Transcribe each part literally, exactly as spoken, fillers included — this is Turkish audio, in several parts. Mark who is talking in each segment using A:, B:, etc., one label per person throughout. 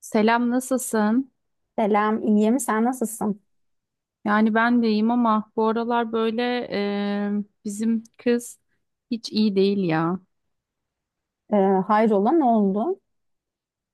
A: Selam, nasılsın?
B: Selam, iyiyim. Sen nasılsın?
A: Yani ben de iyiyim ama bu aralar böyle e, bizim kız hiç iyi değil ya.
B: Ee, hayrola, ne oldu?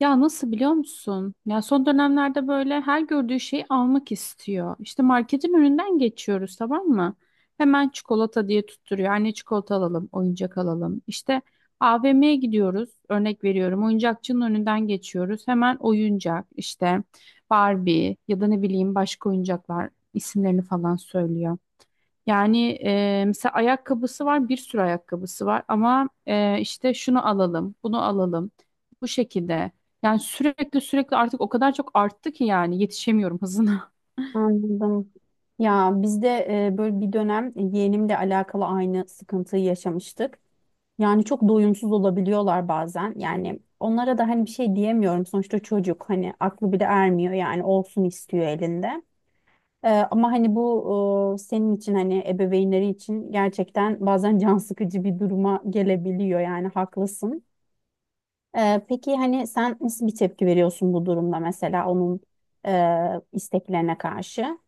A: Ya nasıl biliyor musun? Ya son dönemlerde böyle her gördüğü şeyi almak istiyor. İşte marketin önünden geçiyoruz, tamam mı? Hemen çikolata diye tutturuyor. Anne, çikolata alalım, oyuncak alalım. İşte A V M'ye gidiyoruz. Örnek veriyorum. Oyuncakçının önünden geçiyoruz. Hemen oyuncak işte Barbie ya da ne bileyim başka oyuncaklar, isimlerini falan söylüyor. Yani e, mesela ayakkabısı var, bir sürü ayakkabısı var ama e, işte şunu alalım, bunu alalım, bu şekilde. Yani sürekli sürekli artık o kadar çok arttı ki, yani yetişemiyorum hızına.
B: Anladım. Ya biz de e, böyle bir dönem yeğenimle alakalı aynı sıkıntıyı yaşamıştık. Yani çok doyumsuz olabiliyorlar bazen. Yani onlara da hani bir şey diyemiyorum. Sonuçta çocuk hani aklı bile ermiyor yani olsun istiyor elinde. Ee, ama hani bu e, senin için hani ebeveynleri için gerçekten bazen can sıkıcı bir duruma gelebiliyor yani haklısın. Ee, peki hani sen nasıl bir tepki veriyorsun bu durumda mesela onun e, isteklerine karşı?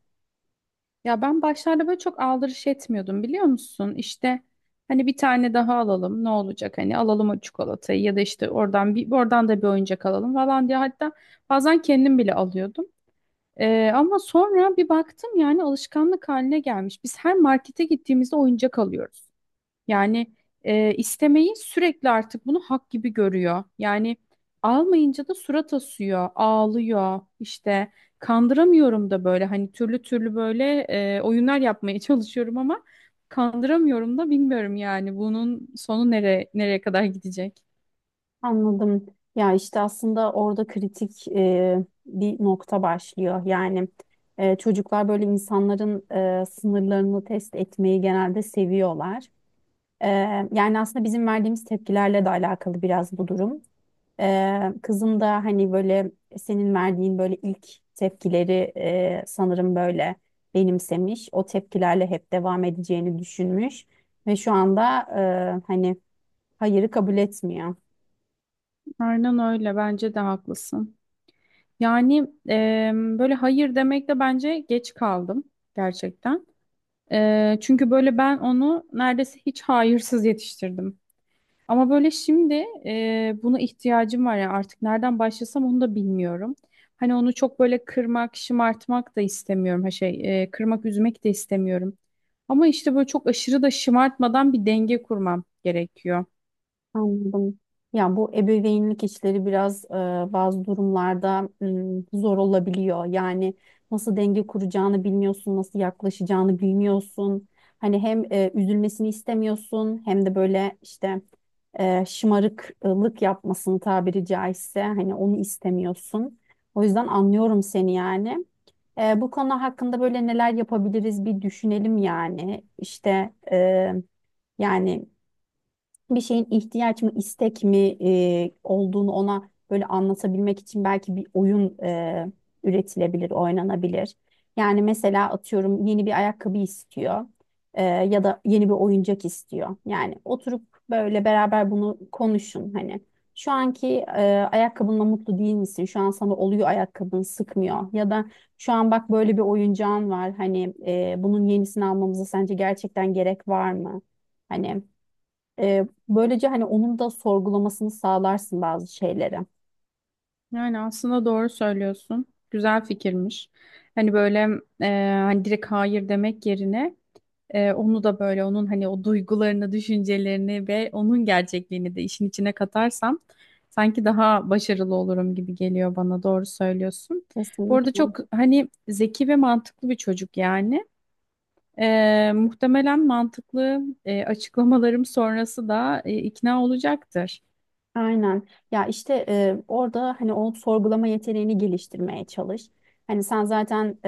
A: Ya ben başlarda böyle çok aldırış etmiyordum, biliyor musun? İşte hani bir tane daha alalım ne olacak, hani alalım o çikolatayı ya da işte oradan bir, oradan da bir oyuncak alalım falan diye, hatta bazen kendim bile alıyordum. Ee, ama sonra bir baktım, yani alışkanlık haline gelmiş. Biz her markete gittiğimizde oyuncak alıyoruz. Yani e, istemeyi sürekli artık bunu hak gibi görüyor. Yani almayınca da surat asıyor, ağlıyor. İşte kandıramıyorum da böyle, hani türlü türlü böyle e, oyunlar yapmaya çalışıyorum ama kandıramıyorum da, bilmiyorum yani bunun sonu nere nereye kadar gidecek?
B: Anladım. Ya işte aslında orada kritik e, bir nokta başlıyor. Yani e, çocuklar böyle insanların e, sınırlarını test etmeyi genelde seviyorlar. E, yani aslında bizim verdiğimiz tepkilerle de alakalı biraz bu durum. Ee, kızım da hani böyle senin verdiğin böyle ilk tepkileri e, sanırım böyle benimsemiş. O tepkilerle hep devam edeceğini düşünmüş ve şu anda e, hani hayırı kabul etmiyor.
A: Aynen öyle, bence de haklısın. Yani e, böyle hayır demekte bence geç kaldım gerçekten. E, çünkü böyle ben onu neredeyse hiç hayırsız yetiştirdim. Ama böyle şimdi e, buna ihtiyacım var ya, artık nereden başlasam onu da bilmiyorum. Hani onu çok böyle kırmak, şımartmak da istemiyorum. Ha şey, e, kırmak, üzmek de istemiyorum. Ama işte böyle çok aşırı da şımartmadan bir denge kurmam gerekiyor.
B: Anladım. Ya bu ebeveynlik işleri biraz e, bazı durumlarda m, zor olabiliyor. Yani nasıl denge kuracağını bilmiyorsun, nasıl yaklaşacağını bilmiyorsun. Hani hem e, üzülmesini istemiyorsun hem de böyle işte e, şımarıklık yapmasını tabiri caizse hani onu istemiyorsun. O yüzden anlıyorum seni yani. E, bu konu hakkında böyle neler yapabiliriz bir düşünelim yani. İşte e, yani bir şeyin ihtiyaç mı istek mi e, olduğunu ona böyle anlatabilmek için belki bir oyun e, üretilebilir, oynanabilir. Yani mesela atıyorum yeni bir ayakkabı istiyor e, ya da yeni bir oyuncak istiyor. Yani oturup böyle beraber bunu konuşun hani. Şu anki e, ayakkabınla mutlu değil misin? Şu an sana oluyor ayakkabın sıkmıyor. Ya da şu an bak böyle bir oyuncağın var. Hani e, bunun yenisini almamıza sence gerçekten gerek var mı? Hani ee, böylece hani onun da sorgulamasını sağlarsın bazı şeyleri.
A: Yani aslında doğru söylüyorsun. Güzel fikirmiş. Hani böyle e, hani direkt hayır demek yerine Ee, onu da, böyle onun hani o duygularını, düşüncelerini ve onun gerçekliğini de işin içine katarsam sanki daha başarılı olurum gibi geliyor bana. Doğru söylüyorsun. Bu arada
B: Kesinlikle.
A: çok hani zeki ve mantıklı bir çocuk yani. Ee, muhtemelen mantıklı e, açıklamalarım sonrası da e, ikna olacaktır.
B: Aynen. Ya işte e, orada hani o sorgulama yeteneğini geliştirmeye çalış. Hani sen zaten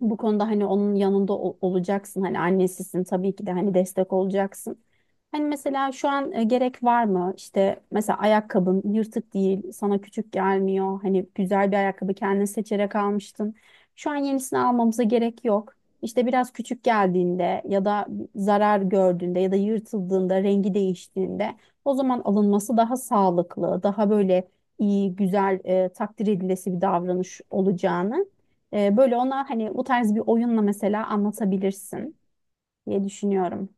B: bu konuda hani onun yanında ol- olacaksın. Hani annesisin tabii ki de hani destek olacaksın. Hani mesela şu an e, gerek var mı? İşte mesela ayakkabın yırtık değil, sana küçük gelmiyor. Hani güzel bir ayakkabı kendin seçerek almıştın. Şu an yenisini almamıza gerek yok. İşte biraz küçük geldiğinde ya da zarar gördüğünde ya da yırtıldığında, rengi değiştiğinde o zaman alınması daha sağlıklı, daha böyle iyi, güzel, e, takdir edilesi bir davranış olacağını ee, böyle ona hani bu tarz bir oyunla mesela anlatabilirsin diye düşünüyorum.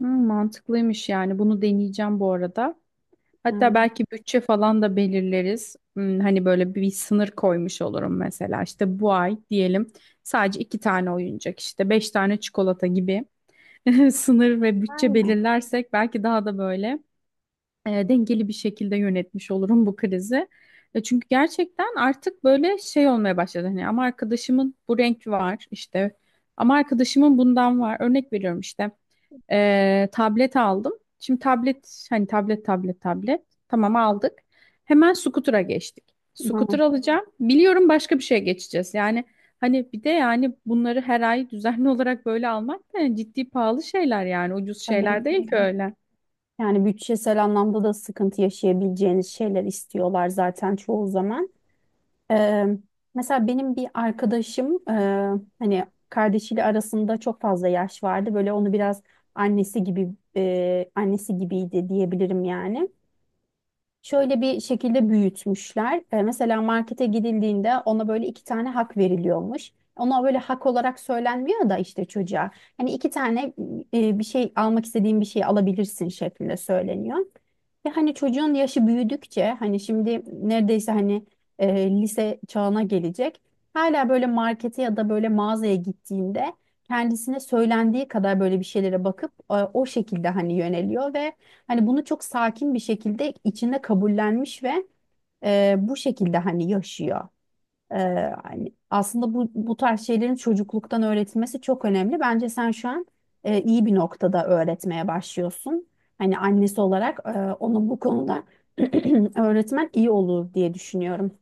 A: Hmm, mantıklıymış yani. Bunu deneyeceğim bu arada. Hatta
B: Yani,
A: belki bütçe falan da belirleriz. Hmm, Hani böyle bir sınır koymuş olurum mesela. İşte bu ay diyelim sadece iki tane oyuncak, işte beş tane çikolata gibi sınır ve bütçe
B: aynen.
A: belirlersek belki daha da böyle e, dengeli bir şekilde yönetmiş olurum bu krizi. E, çünkü gerçekten artık böyle şey olmaya başladı. Hani ama arkadaşımın bu renk var işte, ama arkadaşımın bundan var. Örnek veriyorum işte, e, tablet aldım. Şimdi tablet hani tablet tablet tablet, tamam aldık. Hemen scooter'a geçtik.
B: Hı,
A: Scooter alacağım. Biliyorum başka bir şeye geçeceğiz. Yani hani bir de yani bunları her ay düzenli olarak böyle almak da, yani ciddi pahalı şeyler, yani ucuz şeyler değil ki
B: tabii.
A: öyle.
B: Yani bütçesel anlamda da sıkıntı yaşayabileceğiniz şeyler istiyorlar zaten çoğu zaman. Ee, mesela benim bir arkadaşım e, hani kardeşiyle arasında çok fazla yaş vardı. Böyle onu biraz annesi gibi e, annesi gibiydi diyebilirim yani. Şöyle bir şekilde büyütmüşler. E, mesela markete gidildiğinde ona böyle iki tane hak veriliyormuş. Ona böyle hak olarak söylenmiyor da işte çocuğa. Hani iki tane e, bir şey almak istediğin bir şey alabilirsin şeklinde söyleniyor. Ve hani çocuğun yaşı büyüdükçe hani şimdi neredeyse hani e, lise çağına gelecek. Hala böyle markete ya da böyle mağazaya gittiğinde kendisine söylendiği kadar böyle bir şeylere bakıp e, o şekilde hani yöneliyor ve hani bunu çok sakin bir şekilde içinde kabullenmiş ve e, bu şekilde hani yaşıyor. E, hani aslında bu bu tarz şeylerin çocukluktan öğretilmesi çok önemli. Bence sen şu an e, iyi bir noktada öğretmeye başlıyorsun. Hani annesi olarak e, ona bu konuda öğretmen iyi olur diye düşünüyorum.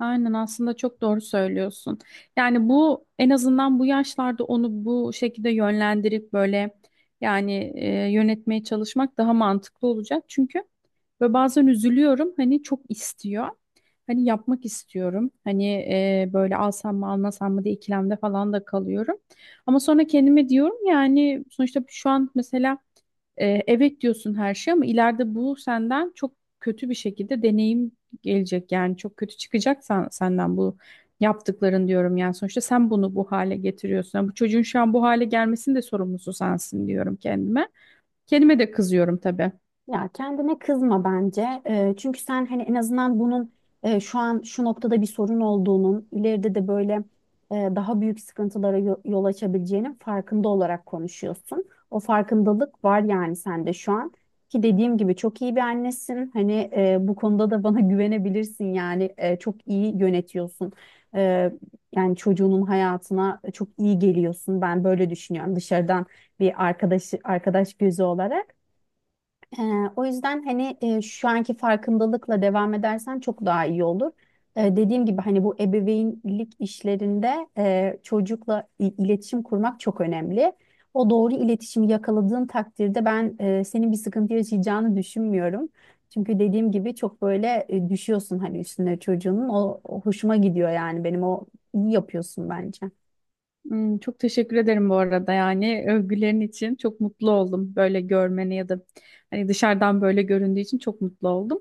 A: Aynen, aslında çok doğru söylüyorsun. Yani bu en azından bu yaşlarda onu bu şekilde yönlendirip böyle, yani e, yönetmeye çalışmak daha mantıklı olacak. Çünkü ve bazen üzülüyorum, hani çok istiyor. Hani yapmak istiyorum. Hani e, böyle alsam mı almasam mı diye ikilemde falan da kalıyorum. Ama sonra kendime diyorum, yani sonuçta şu an mesela e, evet diyorsun her şey ama ileride bu senden çok kötü bir şekilde deneyim gelecek. Yani çok kötü çıkacak sen- senden bu yaptıkların diyorum. Yani sonuçta sen bunu bu hale getiriyorsun. Yani bu çocuğun şu an bu hale gelmesinin de sorumlusu sensin diyorum kendime. Kendime de kızıyorum tabii.
B: Ya kendine kızma bence. Ee, çünkü sen hani en azından bunun e, şu an şu noktada bir sorun olduğunun, ileride de böyle e, daha büyük sıkıntılara yo- yol açabileceğinin farkında olarak konuşuyorsun. O farkındalık var yani sende şu an. Ki dediğim gibi çok iyi bir annesin. Hani e, bu konuda da bana güvenebilirsin yani. E, çok iyi yönetiyorsun. E, yani çocuğunun hayatına çok iyi geliyorsun. Ben böyle düşünüyorum dışarıdan bir arkadaş arkadaş gözü olarak. Ee, o yüzden hani e, şu anki farkındalıkla devam edersen çok daha iyi olur. Ee, dediğim gibi hani bu ebeveynlik işlerinde e, çocukla i- iletişim kurmak çok önemli. O doğru iletişimi yakaladığın takdirde ben e, senin bir sıkıntı yaşayacağını düşünmüyorum. Çünkü dediğim gibi çok böyle e, düşüyorsun hani üstüne çocuğunun. O, o hoşuma gidiyor yani benim o iyi yapıyorsun bence.
A: Hmm, çok teşekkür ederim bu arada, yani övgülerin için çok mutlu oldum, böyle görmeni ya da hani dışarıdan böyle göründüğü için çok mutlu oldum.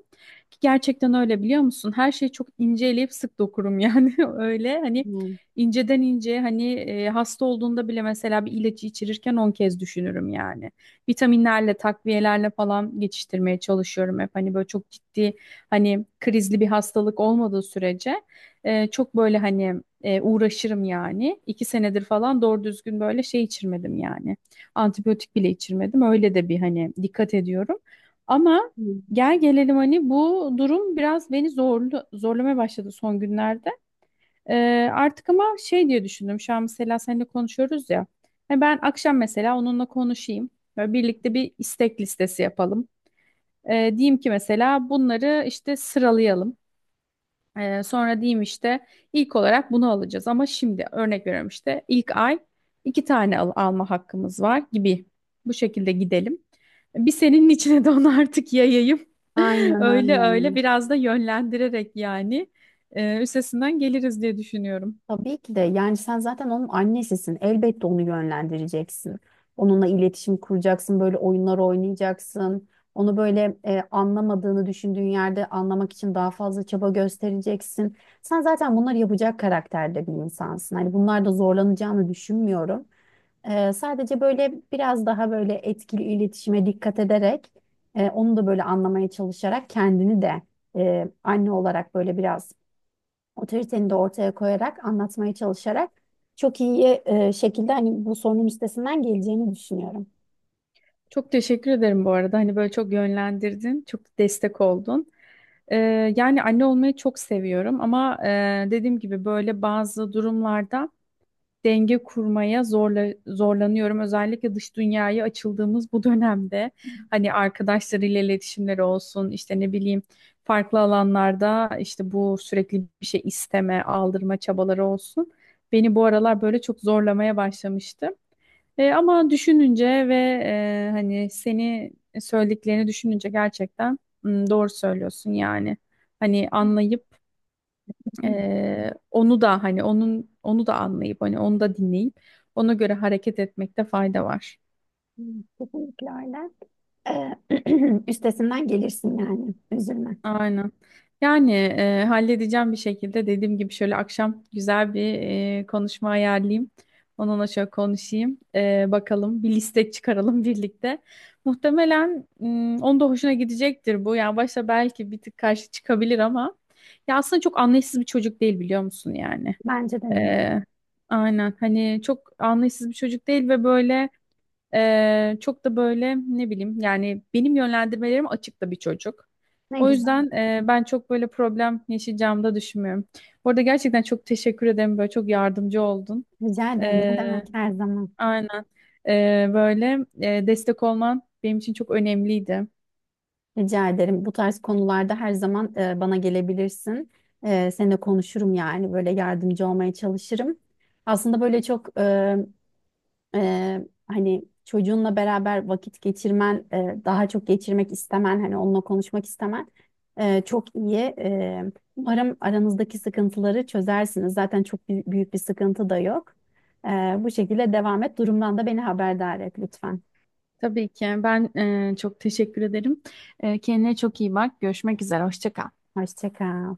A: Ki gerçekten öyle, biliyor musun? Her şeyi çok ince inceleyip sık dokurum yani, öyle hani
B: Hmm,
A: inceden ince hani e, hasta olduğunda bile mesela bir ilacı içirirken on kez düşünürüm yani. Vitaminlerle, takviyelerle falan geçiştirmeye çalışıyorum hep, hani böyle çok ciddi hani krizli bir hastalık olmadığı sürece. Ee, çok böyle hani e, uğraşırım yani. İki senedir falan doğru düzgün böyle şey içirmedim yani. Antibiyotik bile içirmedim. Öyle de bir hani dikkat ediyorum. Ama
B: hmm.
A: gel gelelim hani, bu durum biraz beni zorlu, zorlamaya başladı son günlerde. Ee, artık ama şey diye düşündüm. Şu an mesela seninle konuşuyoruz ya. Hani ben akşam mesela onunla konuşayım. Böyle birlikte bir istek listesi yapalım. Ee, diyeyim ki mesela bunları işte sıralayalım. Ee, sonra diyeyim işte ilk olarak bunu alacağız ama şimdi örnek veriyorum işte, ilk ay iki tane al- alma hakkımız var gibi, bu şekilde gidelim. Bir senin içine de onu artık yayayım.
B: Aynen
A: Öyle öyle,
B: öyle.
A: biraz da yönlendirerek yani e, üstesinden geliriz diye düşünüyorum.
B: Tabii ki de yani sen zaten onun annesisin. Elbette onu yönlendireceksin. Onunla iletişim kuracaksın, böyle oyunlar oynayacaksın. Onu böyle e, anlamadığını düşündüğün yerde anlamak için daha fazla çaba göstereceksin. Sen zaten bunları yapacak karakterde bir insansın. Hani bunlarda zorlanacağını düşünmüyorum. E, sadece böyle biraz daha böyle etkili iletişime dikkat ederek, e, onu da böyle anlamaya çalışarak kendini de e, anne olarak böyle biraz otoriteni de ortaya koyarak, anlatmaya çalışarak çok iyi e, şekilde hani bu sorunun üstesinden geleceğini düşünüyorum.
A: Çok teşekkür ederim bu arada. Hani böyle çok yönlendirdin, çok destek oldun. Ee, yani anne olmayı çok seviyorum ama e, dediğim gibi böyle bazı durumlarda denge kurmaya zorla, zorlanıyorum. Özellikle dış dünyaya açıldığımız bu dönemde hani arkadaşlarıyla iletişimleri olsun, işte ne bileyim farklı alanlarda işte bu sürekli bir şey isteme, aldırma çabaları olsun. Beni bu aralar böyle çok zorlamaya başlamıştı. E, ama düşününce ve e, hani seni, söylediklerini düşününce gerçekten hmm, doğru söylüyorsun yani. Hani anlayıp
B: Hı,
A: ee, onu da hani onun onu da anlayıp hani onu da dinleyip ona göre hareket etmekte fayda var.
B: hı, kesinlikle öyle. E, üstesinden gelirsin yani. Üzülme.
A: Aynen. Yani e, halledeceğim bir şekilde, dediğim gibi şöyle akşam güzel bir e, konuşma ayarlayayım. Onunla şöyle konuşayım. E, bakalım bir liste çıkaralım birlikte. Muhtemelen mm, onun da hoşuna gidecektir bu. Yani başta belki bir tık karşı çıkabilir ama, ya aslında çok anlayışsız bir çocuk değil, biliyor musun yani.
B: Bence de ne
A: Ee, aynen hani çok anlayışsız bir çocuk değil ve böyle e, çok da böyle ne bileyim yani benim yönlendirmelerim açık da bir çocuk.
B: ne
A: O
B: güzel.
A: yüzden e, ben çok böyle problem yaşayacağımı da düşünmüyorum. Bu arada gerçekten çok teşekkür ederim, böyle çok yardımcı oldun.
B: Rica ederim. Ne
A: Ee,
B: demek her zaman.
A: aynen. Ee, böyle e, destek olman benim için çok önemliydi.
B: Rica ederim. Bu tarz konularda her zaman e, bana gelebilirsin. E, seninle konuşurum yani. Böyle yardımcı olmaya çalışırım. Aslında böyle çok e, Eee, hani çocuğunla beraber vakit geçirmen, eee, daha çok geçirmek istemen, hani onunla konuşmak istemen eee, çok iyi. Eee, umarım aranızdaki sıkıntıları çözersiniz. Zaten çok büy- büyük bir sıkıntı da yok. Eee, bu şekilde devam et. Durumdan da beni haberdar et lütfen.
A: Tabii ki ben e, çok teşekkür ederim. E, kendine çok iyi bak. Görüşmek üzere. Hoşça kal.
B: Hoşça kal.